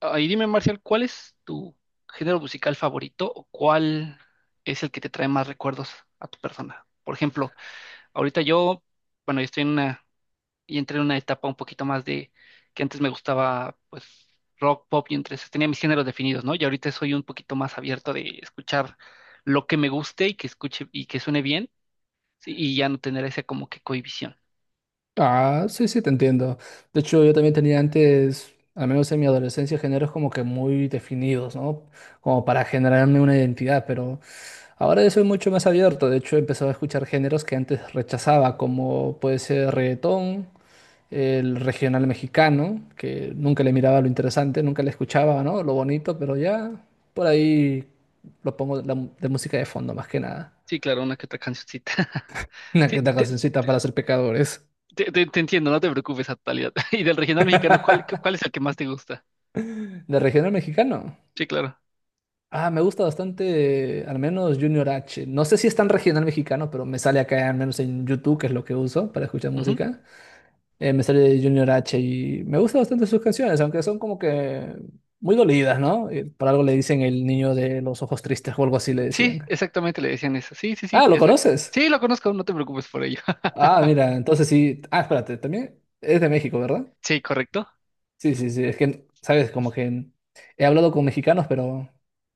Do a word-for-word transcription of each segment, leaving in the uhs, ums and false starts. Ahí dime, Marcial, ¿cuál es tu género musical favorito o cuál es el que te trae más recuerdos a tu persona? Por ejemplo, ahorita yo, bueno, yo estoy en una, y entré en una etapa un poquito más de que antes me gustaba, pues, rock, pop y entre esos tenía mis géneros definidos, ¿no? Y ahorita soy un poquito más abierto de escuchar lo que me guste y que escuche y que suene bien, sí, y ya no tener esa como que cohibición. Ah, sí, sí, te entiendo. De hecho, yo también tenía antes, al menos en mi adolescencia, géneros como que muy definidos, ¿no? Como para generarme una identidad, pero ahora yo soy mucho más abierto. De hecho, he empezado a escuchar géneros que antes rechazaba, como puede ser reggaetón, el regional mexicano, que nunca le miraba lo interesante, nunca le escuchaba, ¿no? Lo bonito, pero ya por ahí lo pongo de, la mu- de música de fondo, más que nada. Sí, claro, una que otra cancioncita. Una Sí, que otra te, cancioncita para ser pecadores. Te, te- te entiendo, no te preocupes, Atalia. Y del regional mexicano, ¿cuál, cu- cuál es el que más te gusta? De regional mexicano. Sí, claro. Ah, me gusta bastante, al menos Junior H. No sé si es tan regional mexicano, pero me sale acá, al menos en YouTube, que es lo que uso para escuchar Ujú. música. eh, me sale Junior H y me gusta bastante sus canciones, aunque son como que muy dolidas, ¿no? Eh, Por algo le dicen el niño de los ojos tristes o algo así le Sí, decían. exactamente le decían eso. Sí, sí, sí, Ah, ¿lo exacto. conoces? Sí, lo conozco, no te preocupes por ello. Ah, mira, entonces sí. Ah, espérate, también es de México, ¿verdad? Sí, correcto. Sí, sí, sí. Es que, sabes, como que he hablado con mexicanos, pero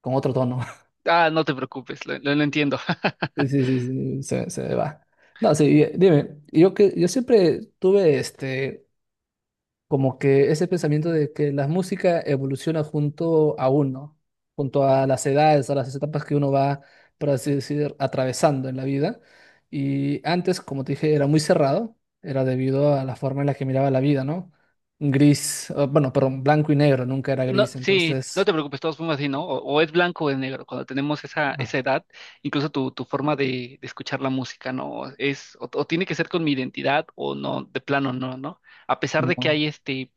con otro tono. Ah, no te preocupes, lo, lo- lo entiendo. Sí, sí, sí, sí, se, se me va. No, sí, y- dime, yo que yo siempre tuve este como que ese pensamiento de que la música evoluciona junto a uno, junto a las edades, a las etapas que uno va, por así decir, atravesando en la vida. Y antes, como te dije, era muy cerrado, era debido a la forma en la que miraba la vida, ¿no? Gris, eh, bueno, perdón, blanco y negro, nunca era No, gris, sí, no entonces, te preocupes, todos somos así, ¿no? O, o es blanco o es negro. Cuando tenemos esa, ah, esa edad, incluso tu, tu forma de, de escuchar la música, ¿no? Es, o, o tiene que ser con mi identidad o no, de plano no, ¿no? A pesar de que hay no. este.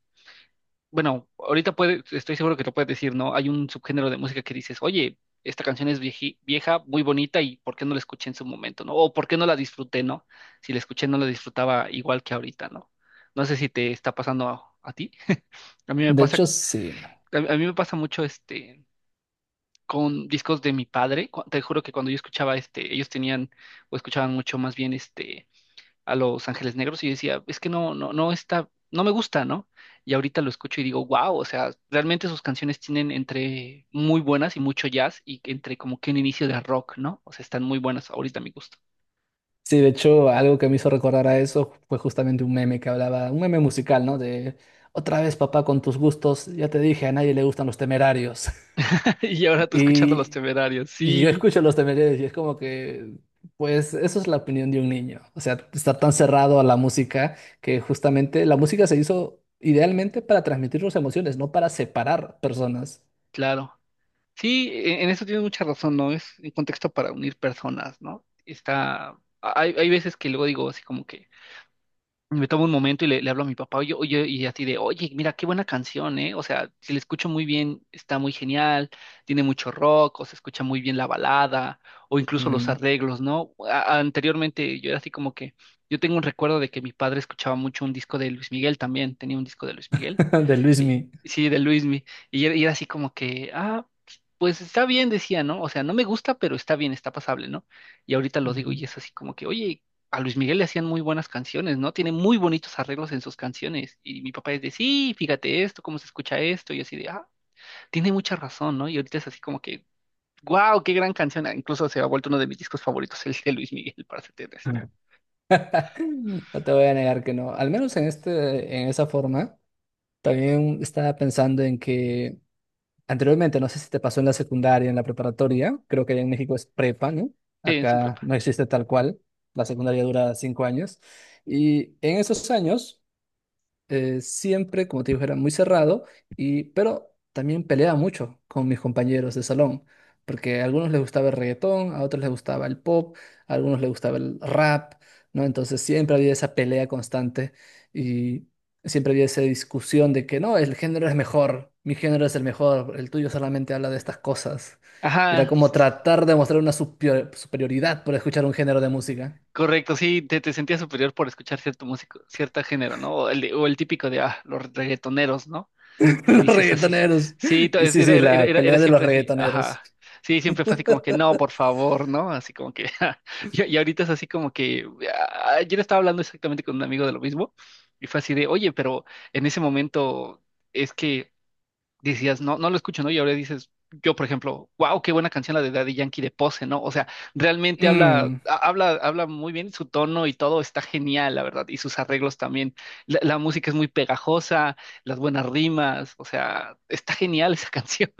Bueno, ahorita puede, estoy seguro que lo puedes decir, ¿no? Hay un subgénero de música que dices, oye, esta canción es vieji- vieja, muy bonita, y ¿por qué no la escuché en su momento? ¿No? ¿O por qué no la disfruté? ¿No? Si la escuché, no la disfrutaba igual que ahorita, ¿no? No sé si te está pasando a, a ti. A mí me De pasa, hecho, sí. a, a mí me pasa mucho este con discos de mi padre. Cu- Te juro que cuando yo escuchaba este, ellos tenían, o escuchaban mucho más bien este a Los Ángeles Negros y yo decía, es que no, no, no está, no me gusta, ¿no? Y ahorita lo escucho y digo, wow, o sea, realmente sus canciones tienen entre muy buenas y mucho jazz y entre como que un inicio de rock, ¿no? O sea, están muy buenas ahorita a mi gusto. Sí, de hecho, algo que me hizo recordar a eso fue justamente un meme que hablaba, un meme musical, ¿no? De otra vez, papá, con tus gustos, ya te dije, a nadie le gustan los Temerarios. Y ahora tú escuchando Los Y, Temerarios, y yo sí, escucho los Temerarios y es como que, pues, eso es la opinión de un niño. O sea, estar tan cerrado a la música que justamente la música se hizo idealmente para transmitir sus emociones, no para separar personas. claro. Sí, en en eso tienes mucha razón, ¿no? Es un contexto para unir personas, ¿no? Está, hay, hay veces que luego digo así como que me tomo un momento y le, le hablo a mi papá, oye, oye, y así de, oye, mira, qué buena canción, ¿eh? O sea, si la escucho muy bien, está muy genial, tiene mucho rock, o se escucha muy bien la balada, o incluso los Mm. arreglos, ¿no? A- anteriormente yo era así como que, yo tengo un recuerdo de que mi padre escuchaba mucho un disco de Luis Miguel también, tenía un disco de Luis Miguel. De y- Luismi. Sí, de Luismi. Y era, y era así como que, ah, pues está bien, decía, ¿no? O sea, no me gusta, pero está bien, está pasable, ¿no? Y ahorita lo digo Ujú. y es así como que, oye, a Luis Miguel le hacían muy buenas canciones, ¿no? Tiene muy bonitos arreglos en sus canciones. Y mi papá es de, sí, fíjate esto, cómo se escucha esto. Y yo así de, ah, tiene mucha razón, ¿no? Y ahorita es así como que, wow, qué gran canción. Ah, incluso se ha vuelto uno de mis discos favoritos, el de Luis Miguel, para serte esto. No te voy a negar que no, al menos en este, en esa forma. También estaba pensando en que anteriormente, no sé si te pasó en la secundaria, en la preparatoria, creo que allá en México es prepa, ¿no? Sí, sin Acá prepa. no existe tal cual, la secundaria dura cinco años. Y en esos años eh, siempre, como te digo, era muy cerrado, y, pero también peleaba mucho con mis compañeros de salón, porque a algunos les gustaba el reggaetón, a otros les gustaba el pop, a algunos les gustaba el rap, ¿no? Entonces siempre había esa pelea constante y siempre había esa discusión de que no, el género es mejor, mi género es el mejor, el tuyo solamente habla de estas cosas. Era Ajá. como tratar de mostrar una supio- superioridad por escuchar un género de música. Correcto, sí, te, te sentías superior por escuchar cierto músico, cierto género, ¿no? O el, de- o el típico de, ah, los reggaetoneros, ¿no? Y Los dices así. reggaetoneros. Sí, to- Y es- sí, era, sí, era, era, la era- era pelea de los siempre así, reggaetoneros. ajá. Sí, siempre fue así como que, no, por favor, ¿no? Así como que, ja. y, y ahorita es así como que, ah, ayer estaba hablando exactamente con un amigo de lo mismo, y fue así de, oye, pero en ese momento es que decías, no, no lo escucho, ¿no? Y ahora dices, yo, por ejemplo, wow, qué buena canción la de Daddy Yankee de Pose, ¿no? O sea, realmente habla, Mm. ha- habla, habla muy bien, su tono y todo está genial, la verdad, y sus arreglos también. La, la música es muy pegajosa, las buenas rimas, o sea, está genial esa canción.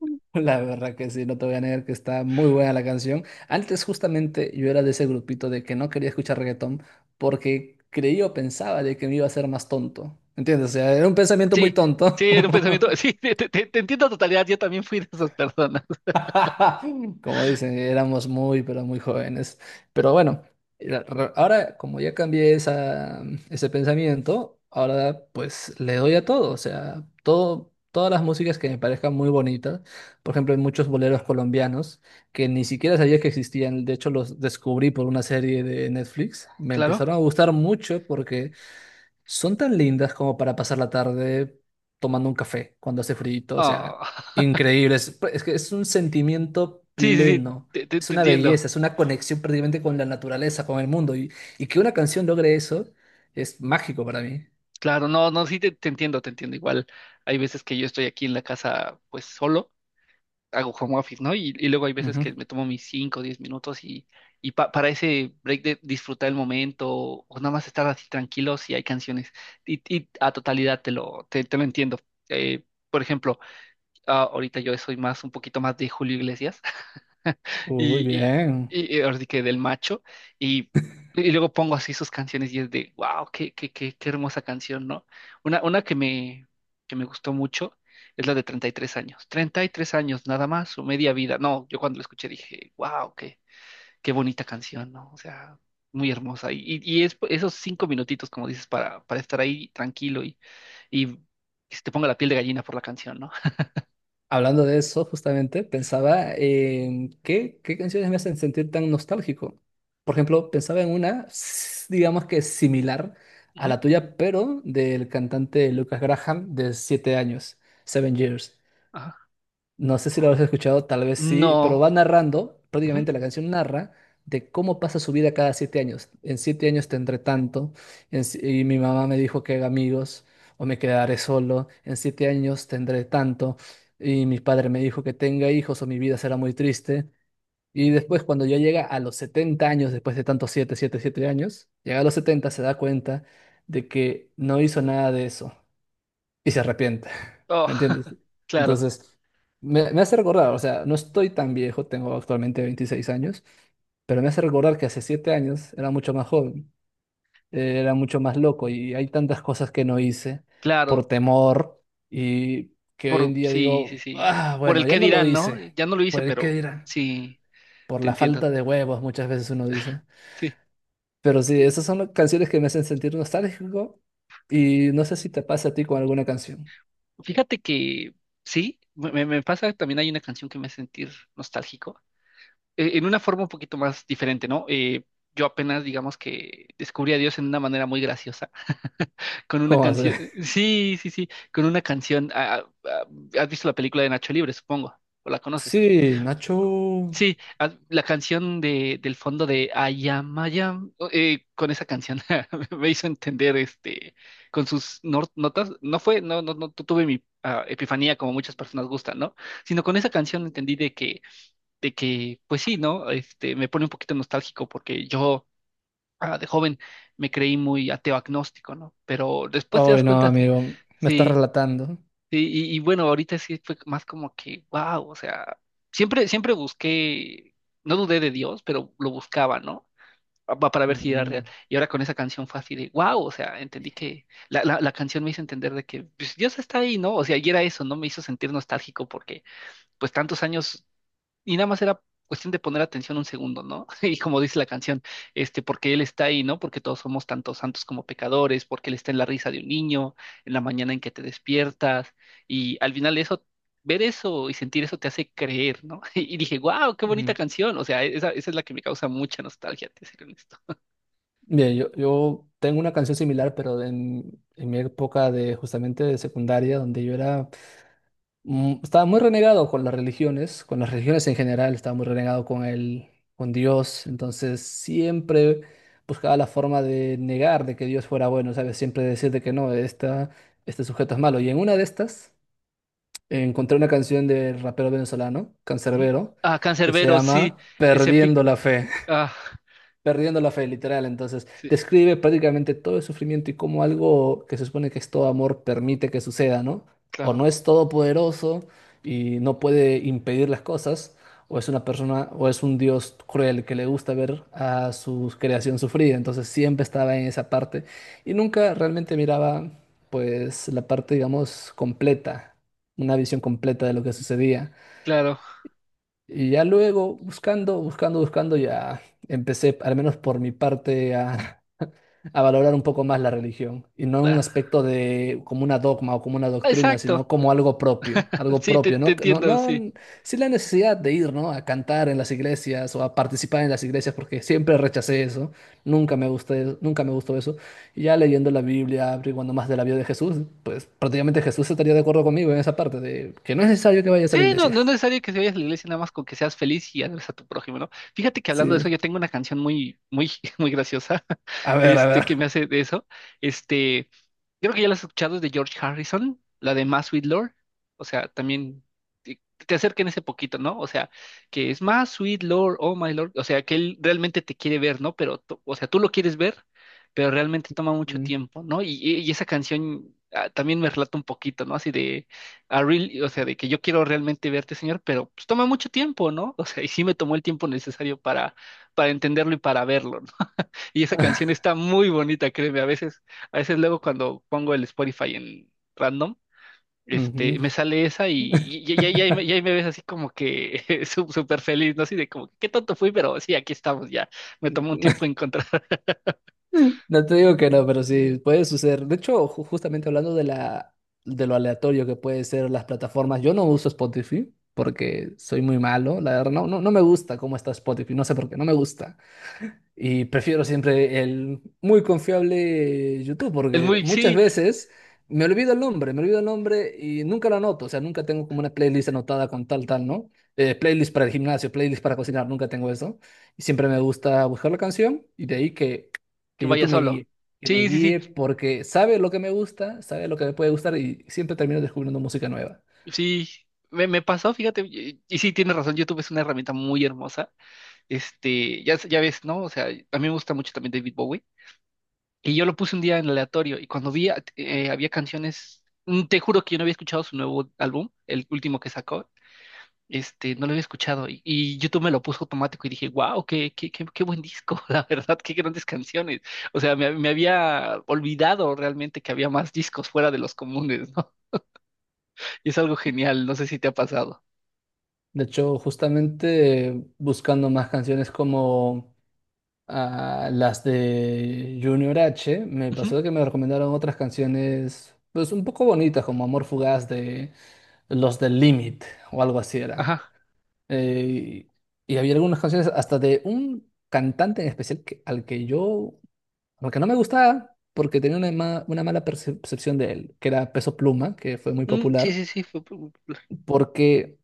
La verdad que sí, no te voy a negar que está muy buena la canción. Antes justamente yo era de ese grupito de que no quería escuchar reggaetón porque creía o pensaba de que me iba a hacer más tonto. ¿Entiendes? O sea, era un pensamiento muy Sí, sí, tonto. era un pensamiento, sí, te, te- te- te entiendo a totalidad, yo también fui de esas personas, Como dicen, éramos muy, pero muy jóvenes. Pero bueno, la- ra- ahora como ya cambié esa, ese pensamiento, ahora pues le doy a todo, o sea, todo, todas las músicas que me parezcan muy bonitas. Por ejemplo, hay muchos boleros colombianos que ni siquiera sabía que existían, de hecho los descubrí por una serie de Netflix. Me empezaron a claro. gustar mucho porque son tan lindas como para pasar la tarde tomando un café cuando hace frío, o sea, Ah, increíbles. Es pues, es que es un sentimiento sí, sí, sí, pleno, te, te- es te una entiendo. belleza, es una conexión prácticamente con la naturaleza, con el mundo. Y, y que una canción logre eso es mágico para mí. Claro, no, no, sí, te te entiendo, te entiendo. Igual hay veces que yo estoy aquí en la casa, pues solo, hago home office, ¿no? Y, y luego hay veces Ujú. que me tomo mis cinco, o diez minutos y, y pa- para ese break de disfrutar el momento o nada más estar así tranquilos y hay canciones. Y, y a totalidad te lo, te, te lo entiendo. Eh, por ejemplo, ah, ahorita yo soy más, un poquito más de Julio Iglesias Uy, y, y, bien. y- ahora sí que del macho, y, y luego pongo así sus canciones y es de, wow, qué, qué, qué, qué hermosa canción, ¿no? Una, una que me, que me gustó mucho es la de treinta y tres años. Treinta y tres años nada más, su media vida. No, yo cuando la escuché dije, wow, qué, qué bonita canción, ¿no? O sea, muy hermosa. Y, y, y es esos cinco minutitos, como dices, para, para estar ahí tranquilo y, y que se te ponga la piel de gallina por la canción, ¿no? Hablando de eso, justamente, pensaba en qué, qué canciones me hacen sentir tan nostálgico. Por ejemplo, pensaba en una, s- digamos que similar a Ujú, la tuya, pero del cantante Lucas Graham de siete años, Seven Years. ajá. No sé si Oh, lo habrás escuchado, tal vez sí, pero va no. narrando, Ujú, prácticamente la canción narra de cómo pasa su vida cada siete años. En siete años tendré tanto, en si- y mi mamá me dijo que haga amigos o me quedaré solo. En siete años tendré tanto, y mi padre me dijo que tenga hijos o mi vida será muy triste. Y después, cuando ya llega a los setenta años, después de tantos siete, siete, siete años, llega a los setenta se da cuenta de que no hizo nada de eso y se arrepiente. oh, ¿Me entiendes? claro. Entonces, me, me hace recordar, o sea, no estoy tan viejo, tengo actualmente veintiséis años, pero me hace recordar que hace siete años era mucho más joven, eh, era mucho más loco y hay tantas cosas que no hice por Claro, temor y que hoy en por, día sí, sí, digo, sí. ah, Por el bueno, ya qué no lo dirán, ¿no? hice, Ya no lo por hice, el qué pero dirán, sí, por te la entiendo. falta de huevos, muchas veces uno dice. Sí. Pero sí, esas son las canciones que me hacen sentir nostálgico y no sé si te pasa a ti con alguna canción. Fíjate que sí, me, me- me pasa, también hay una canción que me hace sentir nostálgico, eh, en una forma un poquito más diferente, ¿no? Eh, yo apenas, digamos que descubrí a Dios en una manera muy graciosa, con una ¿Cómo hace? canción, sí, sí, sí, con una canción, ah, ah, ah, ¿has visto la película de Nacho Libre, supongo? ¿O la conoces? Sí, Nacho. Sí, ah, la canción de, del fondo de I am, I am, eh, con esa canción me hizo entender, este, con sus nor- notas, no fue, no, no, no tuve mi ah, epifanía como muchas personas gustan, ¿no? Sino con esa canción entendí de que, de que, pues sí, ¿no? Este, me pone un poquito nostálgico porque yo, ah, de joven me creí muy ateo agnóstico, ¿no? Pero después te Ay, das no, cuenta, sí, amigo, me estás sí, relatando. sí. Y, y bueno, ahorita sí fue más como que, wow, o sea, siempre, siempre busqué, no dudé de Dios, pero lo buscaba, ¿no? Pa- pa- Para ver si era Mm, real. Y ahora con esa canción fue así de, wow, o sea, entendí que la, la, la canción me hizo entender de que, pues, Dios está ahí, ¿no? O sea, y era eso, ¿no? Me hizo sentir nostálgico porque pues tantos años y nada más era cuestión de poner atención un segundo, ¿no? Y como dice la canción, este, porque Él está ahí, ¿no? Porque todos somos tanto santos como pecadores, porque Él está en la risa de un niño, en la mañana en que te despiertas, y al final eso, ver eso y sentir eso te hace creer, ¿no? Y dije, wow, qué bonita mm. canción, o sea, esa, esa es la que me causa mucha nostalgia, te seré honesto. Bien, yo, yo tengo una canción similar, pero en, en mi época de justamente de secundaria, donde yo era, mm, estaba muy renegado con las religiones, con las religiones en general, estaba muy renegado con el, con Dios, entonces siempre buscaba la forma de negar de que Dios fuera bueno, ¿sabes? Siempre decir de que no, esta, este sujeto es malo. Y en una de estas encontré una canción del rapero venezolano, Ujú. Cancerbero, Ah, que se Cancerbero, sí, llama ese Perdiendo pic, la Fe. ah, Perdiendo la fe, literal. Entonces, sí, describe prácticamente todo el sufrimiento y cómo algo que se supone que es todo amor permite que suceda, ¿no? O no claro, es todopoderoso y no puede impedir las cosas, o es una persona, o es un dios cruel que le gusta ver a su creación sufrida. Entonces, siempre estaba en esa parte y nunca realmente miraba, pues, la parte, digamos, completa, una visión completa de lo que sucedía. claro, Y ya luego, buscando, buscando, buscando, ya empecé, al menos por mi parte, a, a valorar un poco más la religión. Y no en un claro. aspecto de como una dogma o como una doctrina, sino Exacto, como algo propio, algo sí, te, propio, te ¿no? No, entiendo, sí. no, sin la necesidad de ir, ¿no? A cantar en las iglesias o a participar en las iglesias, porque siempre rechacé eso. Nunca me gusté, nunca me gustó eso. Y ya leyendo la Biblia, averiguando más de la vida de Jesús, pues prácticamente Jesús estaría de acuerdo conmigo en esa parte de que no es necesario que vayas a la Sí, no, iglesia. no es necesario que vayas a la iglesia, nada más con que seas feliz y hables a tu prójimo, ¿no? Fíjate que hablando de eso, Sí. yo tengo una canción muy, muy, muy graciosa, A ver, a este, que ver. me hace de eso. Este, Creo que ya la has escuchado, es de George Harrison, la de Más Sweet Lord. O sea, también te, te acerquen ese poquito, ¿no? O sea, que es Más Sweet Lord, Oh My Lord. O sea, que él realmente te quiere ver, ¿no? Pero, tú- o sea, tú lo quieres ver, pero realmente toma mucho Mm. tiempo, ¿no? Y, y- y esa canción, ah, también me relata un poquito, ¿no? Así de, "I really-", o sea, de que yo quiero realmente verte, señor, pero pues toma mucho tiempo, ¿no? O sea, y sí me tomó el tiempo necesario para, para entenderlo y para verlo, ¿no? Y esa canción está muy bonita, créeme. A veces, a veces luego cuando pongo el Spotify en random, Ujú. este, me sale esa. Y, y, y- y ahí, me, y ahí me ves así como que sú- súper feliz, ¿no? Así de como, qué tonto fui, pero sí, aquí estamos ya. Me tomó un tiempo encontrar. No te digo que no, pero sí, puede suceder. De hecho, ju- justamente hablando de la, de lo aleatorio que puede ser las plataformas, yo no uso Spotify porque soy muy malo, la verdad, no, no, no me gusta cómo está Spotify, no sé por qué, no me gusta. Y prefiero siempre el muy confiable eh, YouTube, El porque muy, muchas sí, veces me olvido el nombre, me olvido el nombre y nunca lo anoto. O sea, nunca tengo como una playlist anotada con tal, tal, ¿no? Eh, playlist para el gimnasio, playlist para cocinar, nunca tengo eso. Y siempre me gusta buscar la canción y de ahí que, que que vaya YouTube me solo. guíe, que me Sí, sí, sí, guíe porque sabe lo que me gusta, sabe lo que me puede gustar y siempre termino descubriendo música nueva. sí. Me, me pasó, fíjate, y, y sí, tienes razón, YouTube es una herramienta muy hermosa. Este, ya, ya ves, ¿no? O sea, a mí me gusta mucho también David Bowie. Y yo lo puse un día en aleatorio y cuando vi, eh, había canciones, mm, te juro que yo no había escuchado su nuevo álbum, el último que sacó, este, no lo había escuchado y, y YouTube me lo puso automático y dije, wow, qué, qué, qué, qué buen disco, la verdad, qué grandes canciones. O sea, me, me había olvidado realmente que había más discos fuera de los comunes, ¿no? Y es algo genial, no sé si te ha pasado. De hecho, justamente eh, buscando más canciones como a las de Junior H, me Ujú, pasó que me recomendaron otras canciones, pues un poco bonitas, como Amor Fugaz de los del Limit o algo así era. ajá. Eh, y había algunas canciones hasta de un cantante en especial que- al que yo, al que no me gustaba, porque tenía una, ma- una mala percepción de él, que era Peso Pluma, que fue muy Mm, sí, popular, sí, sí, fue- porque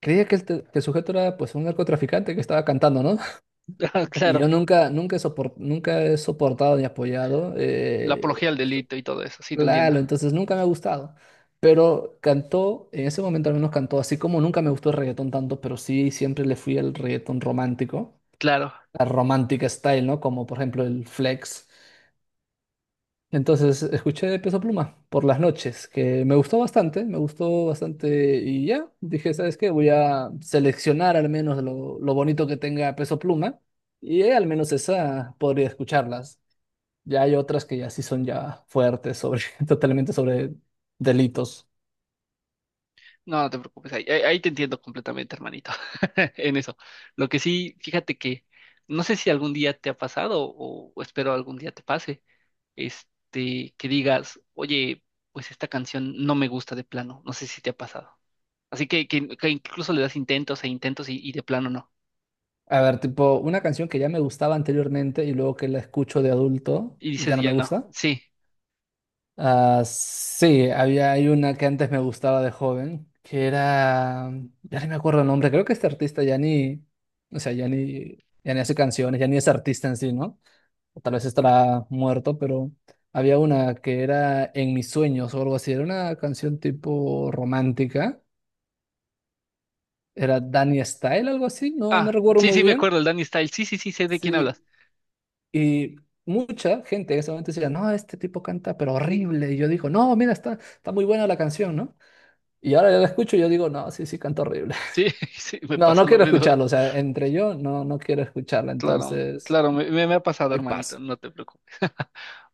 creía que el, te- que el sujeto era pues un narcotraficante que estaba cantando, no Ah, y yo claro, nunca, nunca he sopor- nunca he soportado ni apoyado la eh, apología al delito y todo eso, sí, te entiendo. Lalo, entonces nunca me ha gustado. Pero cantó, en ese momento al menos cantó, así como nunca me gustó el reggaetón tanto, pero sí siempre le fui al reggaetón romántico, Claro. la romántica style, ¿no? Como por ejemplo el Flex. Entonces escuché Peso Pluma por las noches, que me gustó bastante, me gustó bastante y ya, dije, ¿sabes qué? Voy a seleccionar al menos lo, lo bonito que tenga Peso Pluma y eh, al menos esa podría escucharlas. Ya hay otras que ya sí son ya fuertes sobre, totalmente sobre delitos. No, no te preocupes, ahí, ahí- ahí te entiendo completamente, hermanito, en eso. Lo que sí, fíjate que no sé si algún día te ha pasado o, o espero algún día te pase, este, que digas, oye, pues esta canción no me gusta de plano, no sé si te ha pasado. Así que, que- que incluso le das intentos e intentos y, y de plano no. A ver, tipo, una canción que ya me gustaba anteriormente y luego que la escucho de adulto Y y dices, ya no me ya no, gusta. sí. Ah, sí, había hay una que antes me gustaba de joven, que era, ya no me acuerdo el nombre, creo que este artista ya ni, o sea, ya ni, ya ni hace canciones, ya ni es artista en sí, ¿no? O tal vez estará muerto, pero había una que era En mis sueños o algo así, era una canción tipo romántica, era Danny Style, algo así, no, no Ah, recuerdo sí, muy sí, me bien. acuerdo, el Danny Style, sí, sí, sí, sé de quién Sí, hablas. y mucha gente en ese momento decía, no, este tipo canta, pero horrible. Y yo digo, no, mira, está, está, muy buena la canción, ¿no? Y ahora yo la escucho y yo digo, no, sí, sí, canta horrible. Sí, sí, me No, no pasó lo quiero mismo. escucharlo, o sea, entre yo no, no quiero escucharla, Claro, entonces, claro, me, me- me ha pasado, ahí hermanito, paso. no te preocupes.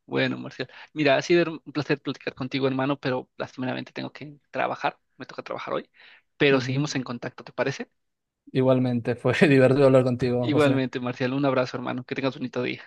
Bueno, Marcial, mira, ha sido un placer platicar contigo, hermano, pero lastimeramente tengo que trabajar, me toca trabajar hoy, pero Ujú. seguimos en contacto, ¿te parece? Igualmente, fue divertido hablar contigo, José. Igualmente, Marcial, un abrazo, hermano, que tengas un bonito día.